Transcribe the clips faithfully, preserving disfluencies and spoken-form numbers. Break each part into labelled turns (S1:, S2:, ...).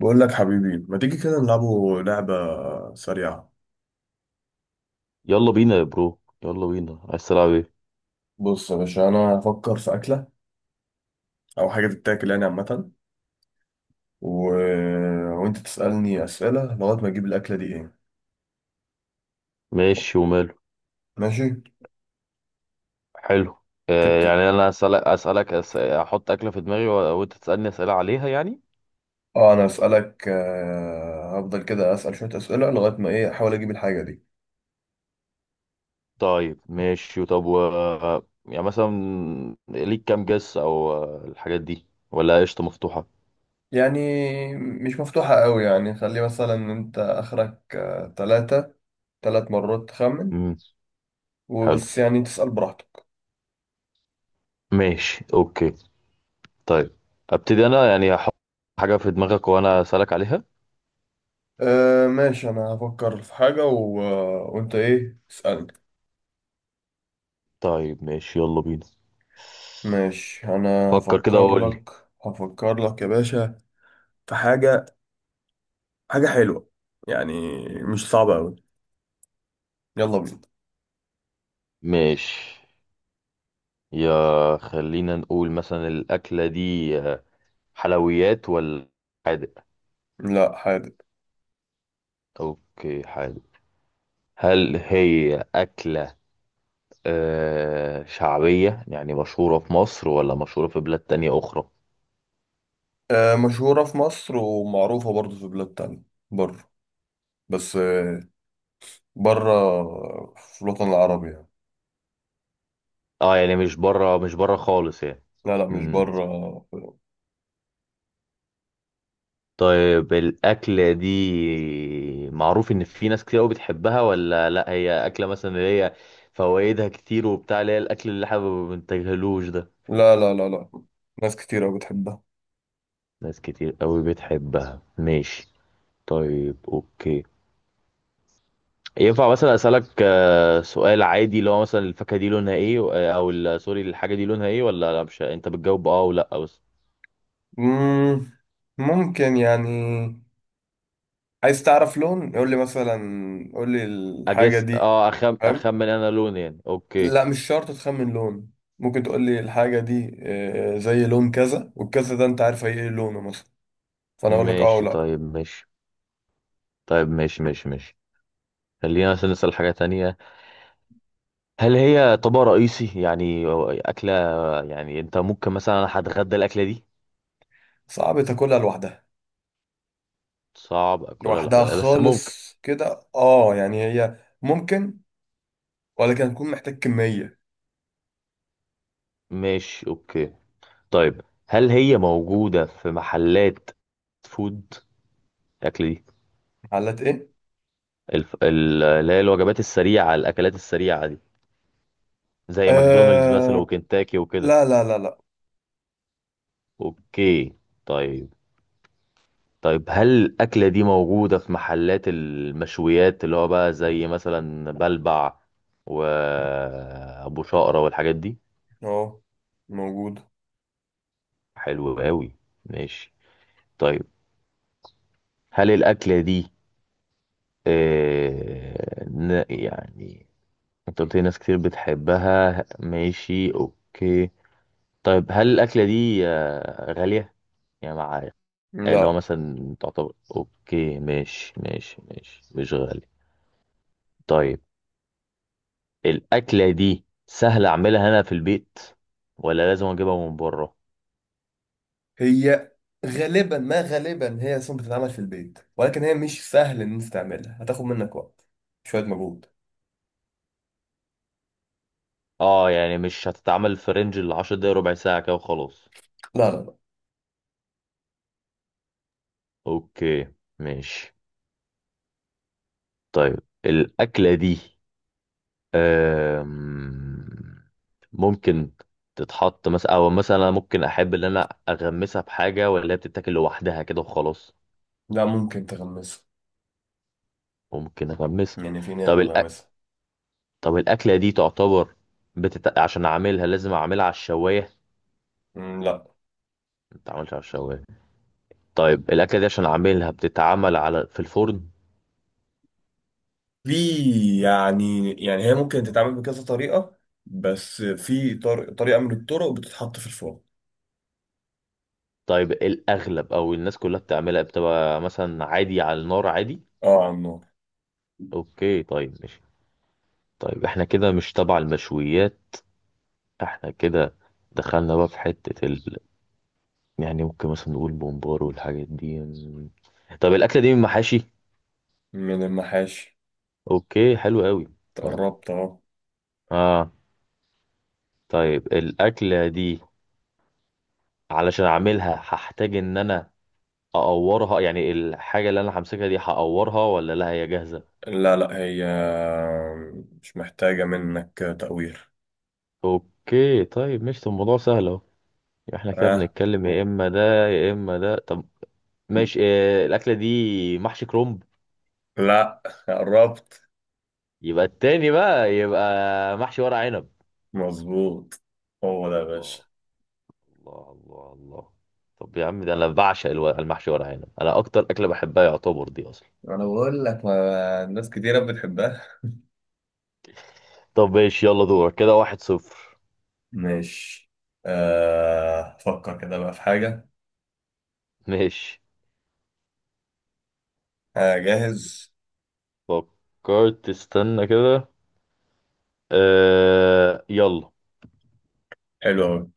S1: بقول لك حبيبي ما تيجي كده نلعبوا لعبة سريعة.
S2: يلا بينا يا برو، يلا بينا، عايز تلعب ايه؟
S1: بص يا باشا أنا هفكر في أكلة أو حاجة تتاكل يعني عامة و... آه، وأنت تسألني أسئلة لغاية ما أجيب الأكلة دي إيه.
S2: ماشي وماله.
S1: ماشي
S2: حلو. آه
S1: تبت.
S2: يعني انا اسالك اسالك أس... احط اكله في دماغي و... وانت تسالني اسئله عليها يعني.
S1: أه أنا أسألك آه، هفضل كده أسأل شوية أسئلة لغاية ما إيه أحاول أجيب الحاجة دي.
S2: طيب ماشي، طب و... يعني مثلا ليك كام جس او، آه، الحاجات دي ولا قشطه مفتوحه؟
S1: يعني مش مفتوحة قوي، يعني خلي مثلا أنت آخرك آه، تلاتة، تلات مرات تخمن.
S2: امم حلو،
S1: وبس، يعني تسأل براحتك.
S2: ماشي، اوكي. طيب ابتدي انا، يعني هحط حاجه في دماغك وانا اسالك عليها.
S1: أه ماشي، انا هفكر في حاجة و... وانت ايه اسألني.
S2: طيب ماشي، يلا بينا.
S1: ماشي انا
S2: فكر كده
S1: هفكر
S2: وقول لي.
S1: لك. هفكر لك يا باشا في حاجة، حاجة حلوة، يعني مش صعبة أوي. يلا بينا.
S2: ماشي، يا خلينا نقول مثلا الأكلة دي آه، حلويات ولا حادق؟
S1: لا حادق.
S2: أوكي حادق. هل هي أكلة آه، شعبية، يعني مشهورة في مصر ولا مشهورة في بلاد تانية أخرى؟
S1: أه مشهورة في مصر ومعروفة برضو في بلاد تانية بره، بس أه بره في الوطن العربي يعني.
S2: اه يعني مش بره، مش بره خالص يعني.
S1: لا لا مش
S2: مم.
S1: بره.
S2: طيب الأكلة دي معروف إن في ناس كتير أوي بتحبها ولا لأ؟ هي أكلة مثلا اللي هي فوائدها كتير وبتاع، اللي هي الأكل اللي احنا ما بنتجاهلوش ده؟
S1: لا لا لا لا، ناس كتير أوي بتحبها.
S2: ناس كتير قوي بتحبها، ماشي. طيب اوكي. ينفع مثلا اسالك آه، سؤال عادي اللي هو مثلا الفاكهه دي لونها ايه و- آه، او ال- سوري، الحاجه دي لونها ايه، ولا لا مش انت بتجاوب اه ولا بس؟
S1: مم، ممكن يعني عايز تعرف لون يقول لي مثلا، قول لي الحاجة
S2: اجس
S1: دي.
S2: اه أخم...
S1: فاهم.
S2: اخمن انا لون يعني، اوكي.
S1: لا مش شرط تخمن لون، ممكن تقول لي الحاجة دي آه، زي لون كذا والكذا ده انت عارف هي ايه لونه مثلا، فانا اقول لك اه
S2: ماشي
S1: ولا.
S2: طيب، ماشي طيب، ماشي ماشي ماشي خلينا مثلا نسال حاجه تانية. هل هي طبق رئيسي يعني أو اكله؟ يعني انت ممكن مثلا انا هتغدى الاكله دي؟
S1: صعب تاكلها لوحدها.
S2: صعب اكلها
S1: لوحدها
S2: لوحدها بس ممكن.
S1: خالص كده اه، يعني هي ممكن ولكن هتكون محتاج كمية.
S2: ماشي اوكي. طيب هل هي موجوده في محلات فود، الاكل دي؟
S1: علات ايه؟
S2: الف... ال- اللي هي الوجبات السريعه، الاكلات السريعه دي، زي ماكدونالدز مثلا
S1: آه،
S2: وكنتاكي وكده؟
S1: لا لا لا لا.
S2: اوكي. طيب طيب هل الاكله دي موجوده في محلات المشويات اللي هو بقى زي مثلا بلبع وابو شقرة والحاجات دي؟
S1: اهو موجود.
S2: حلو قوي، ماشي. طيب هل الاكله دي آه... ن- يعني، انت قلت لي ناس كتير بتحبها، ماشي اوكي. طيب هل الاكله دي آه، غاليه يعني معايا؟ اللي هو
S1: لا
S2: مثلا تعتبر اوكي، ماشي ماشي ماشي، مش غالي. طيب الاكله دي سهل اعملها هنا في البيت ولا لازم اجيبها من بره؟
S1: هي غالبا، ما غالبا هي اصلا بتتعمل في البيت، ولكن هي مش سهل ان انت تعملها، هتاخد منك وقت، شويه مجهود.
S2: اه يعني مش هتتعمل في رينج ال عشر دقايق، ربع ساعه كده وخلاص؟
S1: لا لا لا
S2: اوكي ماشي. طيب الاكله دي أم... ممكن تتحط مثلا، او مثلا أنا ممكن احب ان انا اغمسها بحاجه، ولا هي بتتاكل لوحدها كده وخلاص؟
S1: لا ممكن تغمسها،
S2: ممكن اغمسها؟
S1: يعني في ناس
S2: طب
S1: بتغمسها.
S2: طب الأكلة دي تعتبر بتت... عشان أعملها لازم أعملها على الشواية؟
S1: مم، لا.
S2: ما بتتعملش على الشواية؟ طيب الأكلة دي عشان أعملها بتتعمل على، في الفرن؟
S1: في، يعني يعني هي ممكن تتعمل بكذا طريقه، بس في طر... طريقه من الطرق بتتحط في الفرن.
S2: طيب الأغلب أو الناس كلها بتعملها بتبقى مثلا عادي على النار عادي؟
S1: اه على النار.
S2: أوكي طيب ماشي. طيب إحنا كده مش تبع المشويات. إحنا كده دخلنا بقى في حتة ال... يعني ممكن مثلا نقول بومبار والحاجات دي. م. طب الأكلة دي من محاشي؟
S1: من المحاشي.
S2: أوكي حلو قوي. طيب،
S1: تقربت اه.
S2: آه طيب الأكلة دي علشان اعملها هحتاج ان انا اقورها، يعني الحاجه اللي انا همسكها دي هقورها ولا لا هي جاهزه؟
S1: لا، لا هي مش محتاجه منك تقوير.
S2: اوكي طيب ماشي. طب الموضوع سهل اهو، احنا كده
S1: اه
S2: بنتكلم يا اما ده يا اما ده. طب ماشي، آه، الاكله دي محشي كرنب؟
S1: لا، قربت.
S2: يبقى التاني بقى، يبقى محشي ورق عنب.
S1: مظبوط، هو ده يا باشا.
S2: الله، الله الله الله. طب يا عم ده انا بعشق الو- المحشي ورق عنب، انا اكتر اكله بحبها يعتبر دي اصلا.
S1: انا بقول لك ما الناس كتيرة بتحبها.
S2: طب ماشي، يلا دورك. كده واحد صفر.
S1: ماشي، آه، فكر كده بقى في حاجة.
S2: ماشي،
S1: آه، جاهز.
S2: فكرت؟ استنى كده. آه يلا.
S1: حلو أوي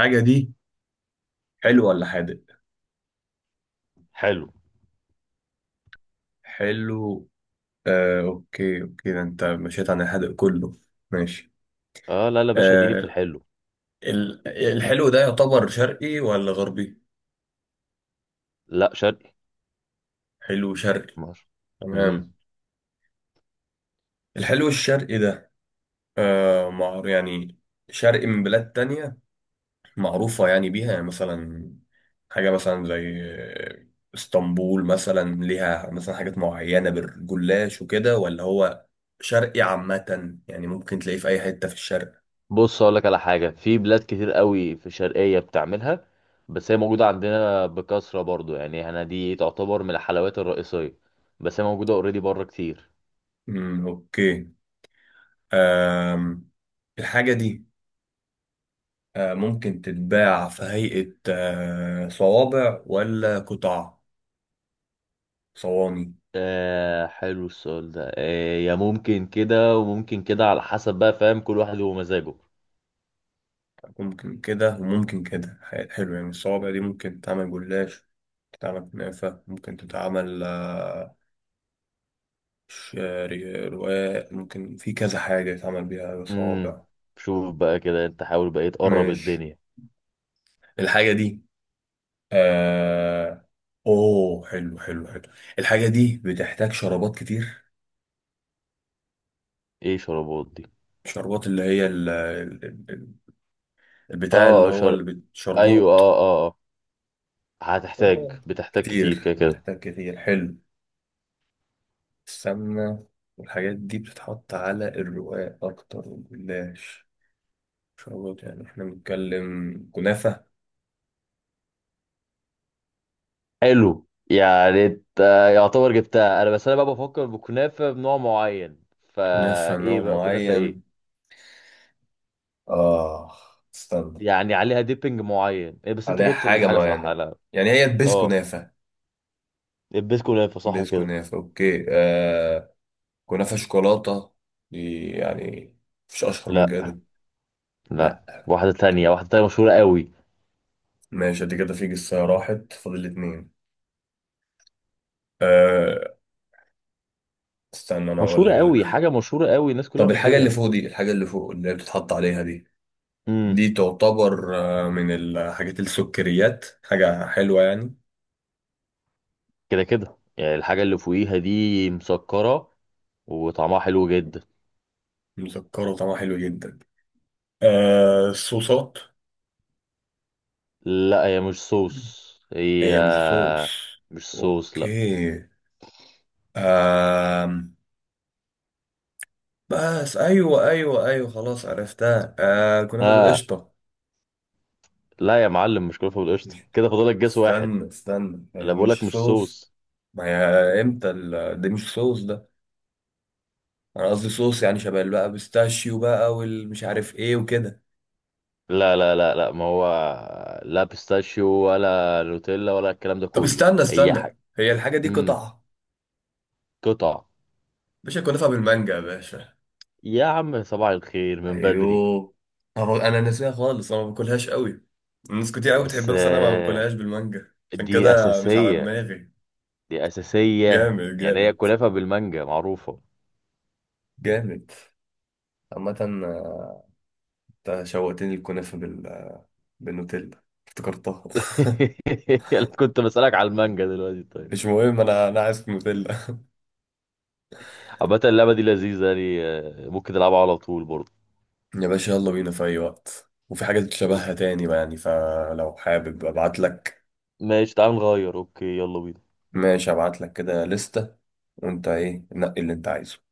S1: الحاجة دي، حلو ولا حادق.
S2: حلو.
S1: حلو. آه، أوكي أوكي ده أنت مشيت عن الحادق كله. ماشي.
S2: اه لا لا يا باشا، اديني في
S1: آه،
S2: الحلو.
S1: ال- الحلو ده يعتبر شرقي ولا غربي.
S2: لا شرقي.
S1: حلو شرقي.
S2: ماشي. امم.
S1: تمام. الحلو الشرقي ده آه، مع يعني شرقي من بلاد تانية معروفة يعني بيها، يعني مثلا حاجة مثلا زي اسطنبول مثلا ليها مثلا حاجات معينة بالجلاش وكده، ولا هو شرقي عامة يعني ممكن تلاقيه في أي حتة في الشرق.
S2: بص اقول لك على حاجه، في بلاد كتير قوي في الشرقيه بتعملها، بس هي موجوده عندنا بكثره برضو، يعني احنا دي تعتبر من الحلويات الرئيسيه، بس هي موجوده اوريدي بره كتير.
S1: امم اوكي. أم. الحاجة دي آه، ممكن تتباع في هيئة آه، صوابع ولا قطع، صواني.
S2: آه حلو السؤال ده. آه يا ممكن كده وممكن كده، على حسب بقى، فاهم؟ كل واحد ومزاجه.
S1: ممكن كده وممكن كده، ح- حلو، يعني الصوابع دي ممكن تتعمل جلاش، تتعمل كنافة، ممكن تتعمل آه، شعري رواق، ممكن في كذا حاجة يتعمل بيها
S2: امم،
S1: صوابع.
S2: شوف بقى كده، انت حاول بقى تقرب
S1: ماشي.
S2: الدنيا.
S1: الحاجة دي آه... اوه حلو حلو حلو، الحاجة دي بتحتاج شرابات كتير.
S2: ايه شربات دي؟
S1: شربات اللي هي ال... ال- ال- البتاع اللي
S2: اه
S1: هو
S2: شر...
S1: اللي بت...
S2: ايوه
S1: شربات.
S2: اه اه آه. هتحتاج،
S1: شربات
S2: بتحتاج كتير
S1: كتير،
S2: كده كده؟
S1: بتحتاج كتير، حلو، السمنة والحاجات دي بتتحط على الرقاق أكتر والجلاش. شربات، يعني احنا بنتكلم كنافة.
S2: حلو. يعني انت يعتبر جبتها انا، بس انا بقى بفكر بكنافه بنوع معين،
S1: كنافة
S2: فايه
S1: نوع
S2: بقى كنافه ايه؟
S1: معين. آه استنى.
S2: يعني عليها ديبنج معين إيه، بس انت
S1: عليها
S2: جبت
S1: حاجة
S2: الحاجه صح؟
S1: معينة،
S2: لا.
S1: يعني هي البيس
S2: اه
S1: كنافة.
S2: البيت كنافه صح
S1: بيس
S2: كده؟
S1: كنافة أوكي آه، كنافة شوكولاتة دي، يعني مفيش أشهر من
S2: لا
S1: كده.
S2: لا،
S1: لا.
S2: واحده تانية واحده تانية، مشهوره قوي.
S1: ماشي، دي كده في جسة راحت فاضل اتنين. آه استنى أنا أقول
S2: مشهوره
S1: لك
S2: قوي،
S1: دلوقتي.
S2: حاجه مشهوره قوي الناس كلها
S1: طب الحاجة اللي
S2: بتجيبها.
S1: فوق دي، الحاجة اللي فوق اللي هي بتتحط عليها دي،
S2: امم،
S1: دي تعتبر آه، من الحاجات السكريات، حاجة حلوة يعني.
S2: كده كده، يعني الحاجه اللي فوقيها دي مسكره وطعمها حلو جدا.
S1: مسكرة وطعمها حلو جدا. آه الصوصات.
S2: لا هي مش صوص، هي
S1: هي مش صوص.
S2: مش صوص، لا.
S1: اوكي. آم. بس ايوه ايوه ايوه خلاص عرفتها، آه كنافه
S2: اه
S1: بالقشطه.
S2: لا يا معلم، مش كلفه بالقشطه،
S1: مش-
S2: كده فاضلك جاس واحد.
S1: استنى استنى هي
S2: انا بقولك
S1: مش
S2: مش
S1: صوص.
S2: صوص.
S1: ما هي امتى ال... ده مش صوص ده، انا قصدي صوص يعني شبه اللي بقى بيستاشيو بقى والمش عارف ايه وكده.
S2: لا لا لا لا، ما هو لا بيستاشيو ولا نوتيلا ولا الكلام ده
S1: طب
S2: كله،
S1: استنى
S2: هي
S1: استنى
S2: حاجه.
S1: هي الحاجه دي
S2: امم،
S1: قطعه.
S2: قطع.
S1: باشا كنافه بالمانجا يا باشا.
S2: يا عم صباح الخير من بدري.
S1: ايوه. طبعا انا ناسيها خالص، انا ما باكلهاش قوي، الناس كتير قوي
S2: بس
S1: بتحبها بس انا ما
S2: آه،
S1: باكلهاش بالمانجا عشان
S2: دي
S1: كده مش على
S2: اساسيه،
S1: دماغي.
S2: دي اساسيه.
S1: جامد
S2: يعني هي
S1: جامد
S2: كنافه بالمانجا معروفه.
S1: جامد عامة آه، انت شوقتني الكنافة بال... بالنوتيلا افتكرتها.
S2: أنا كنت بسألك على المانجا دلوقتي طيب.
S1: مش مهم، انا انا عايز نوتيلا.
S2: عامة اللعبة دي لذيذة يعني، آه، ممكن نلعبها على طول برضه.
S1: يا باشا يلا بينا في اي وقت، وفي حاجات شبهها تاني بقى يعني، فلو حابب ابعت لك.
S2: ماشي، تعال نغير، اوكي يلا بينا.
S1: ماشي ابعت لك كده لستة، وانت ايه نقي اللي انت عايزه.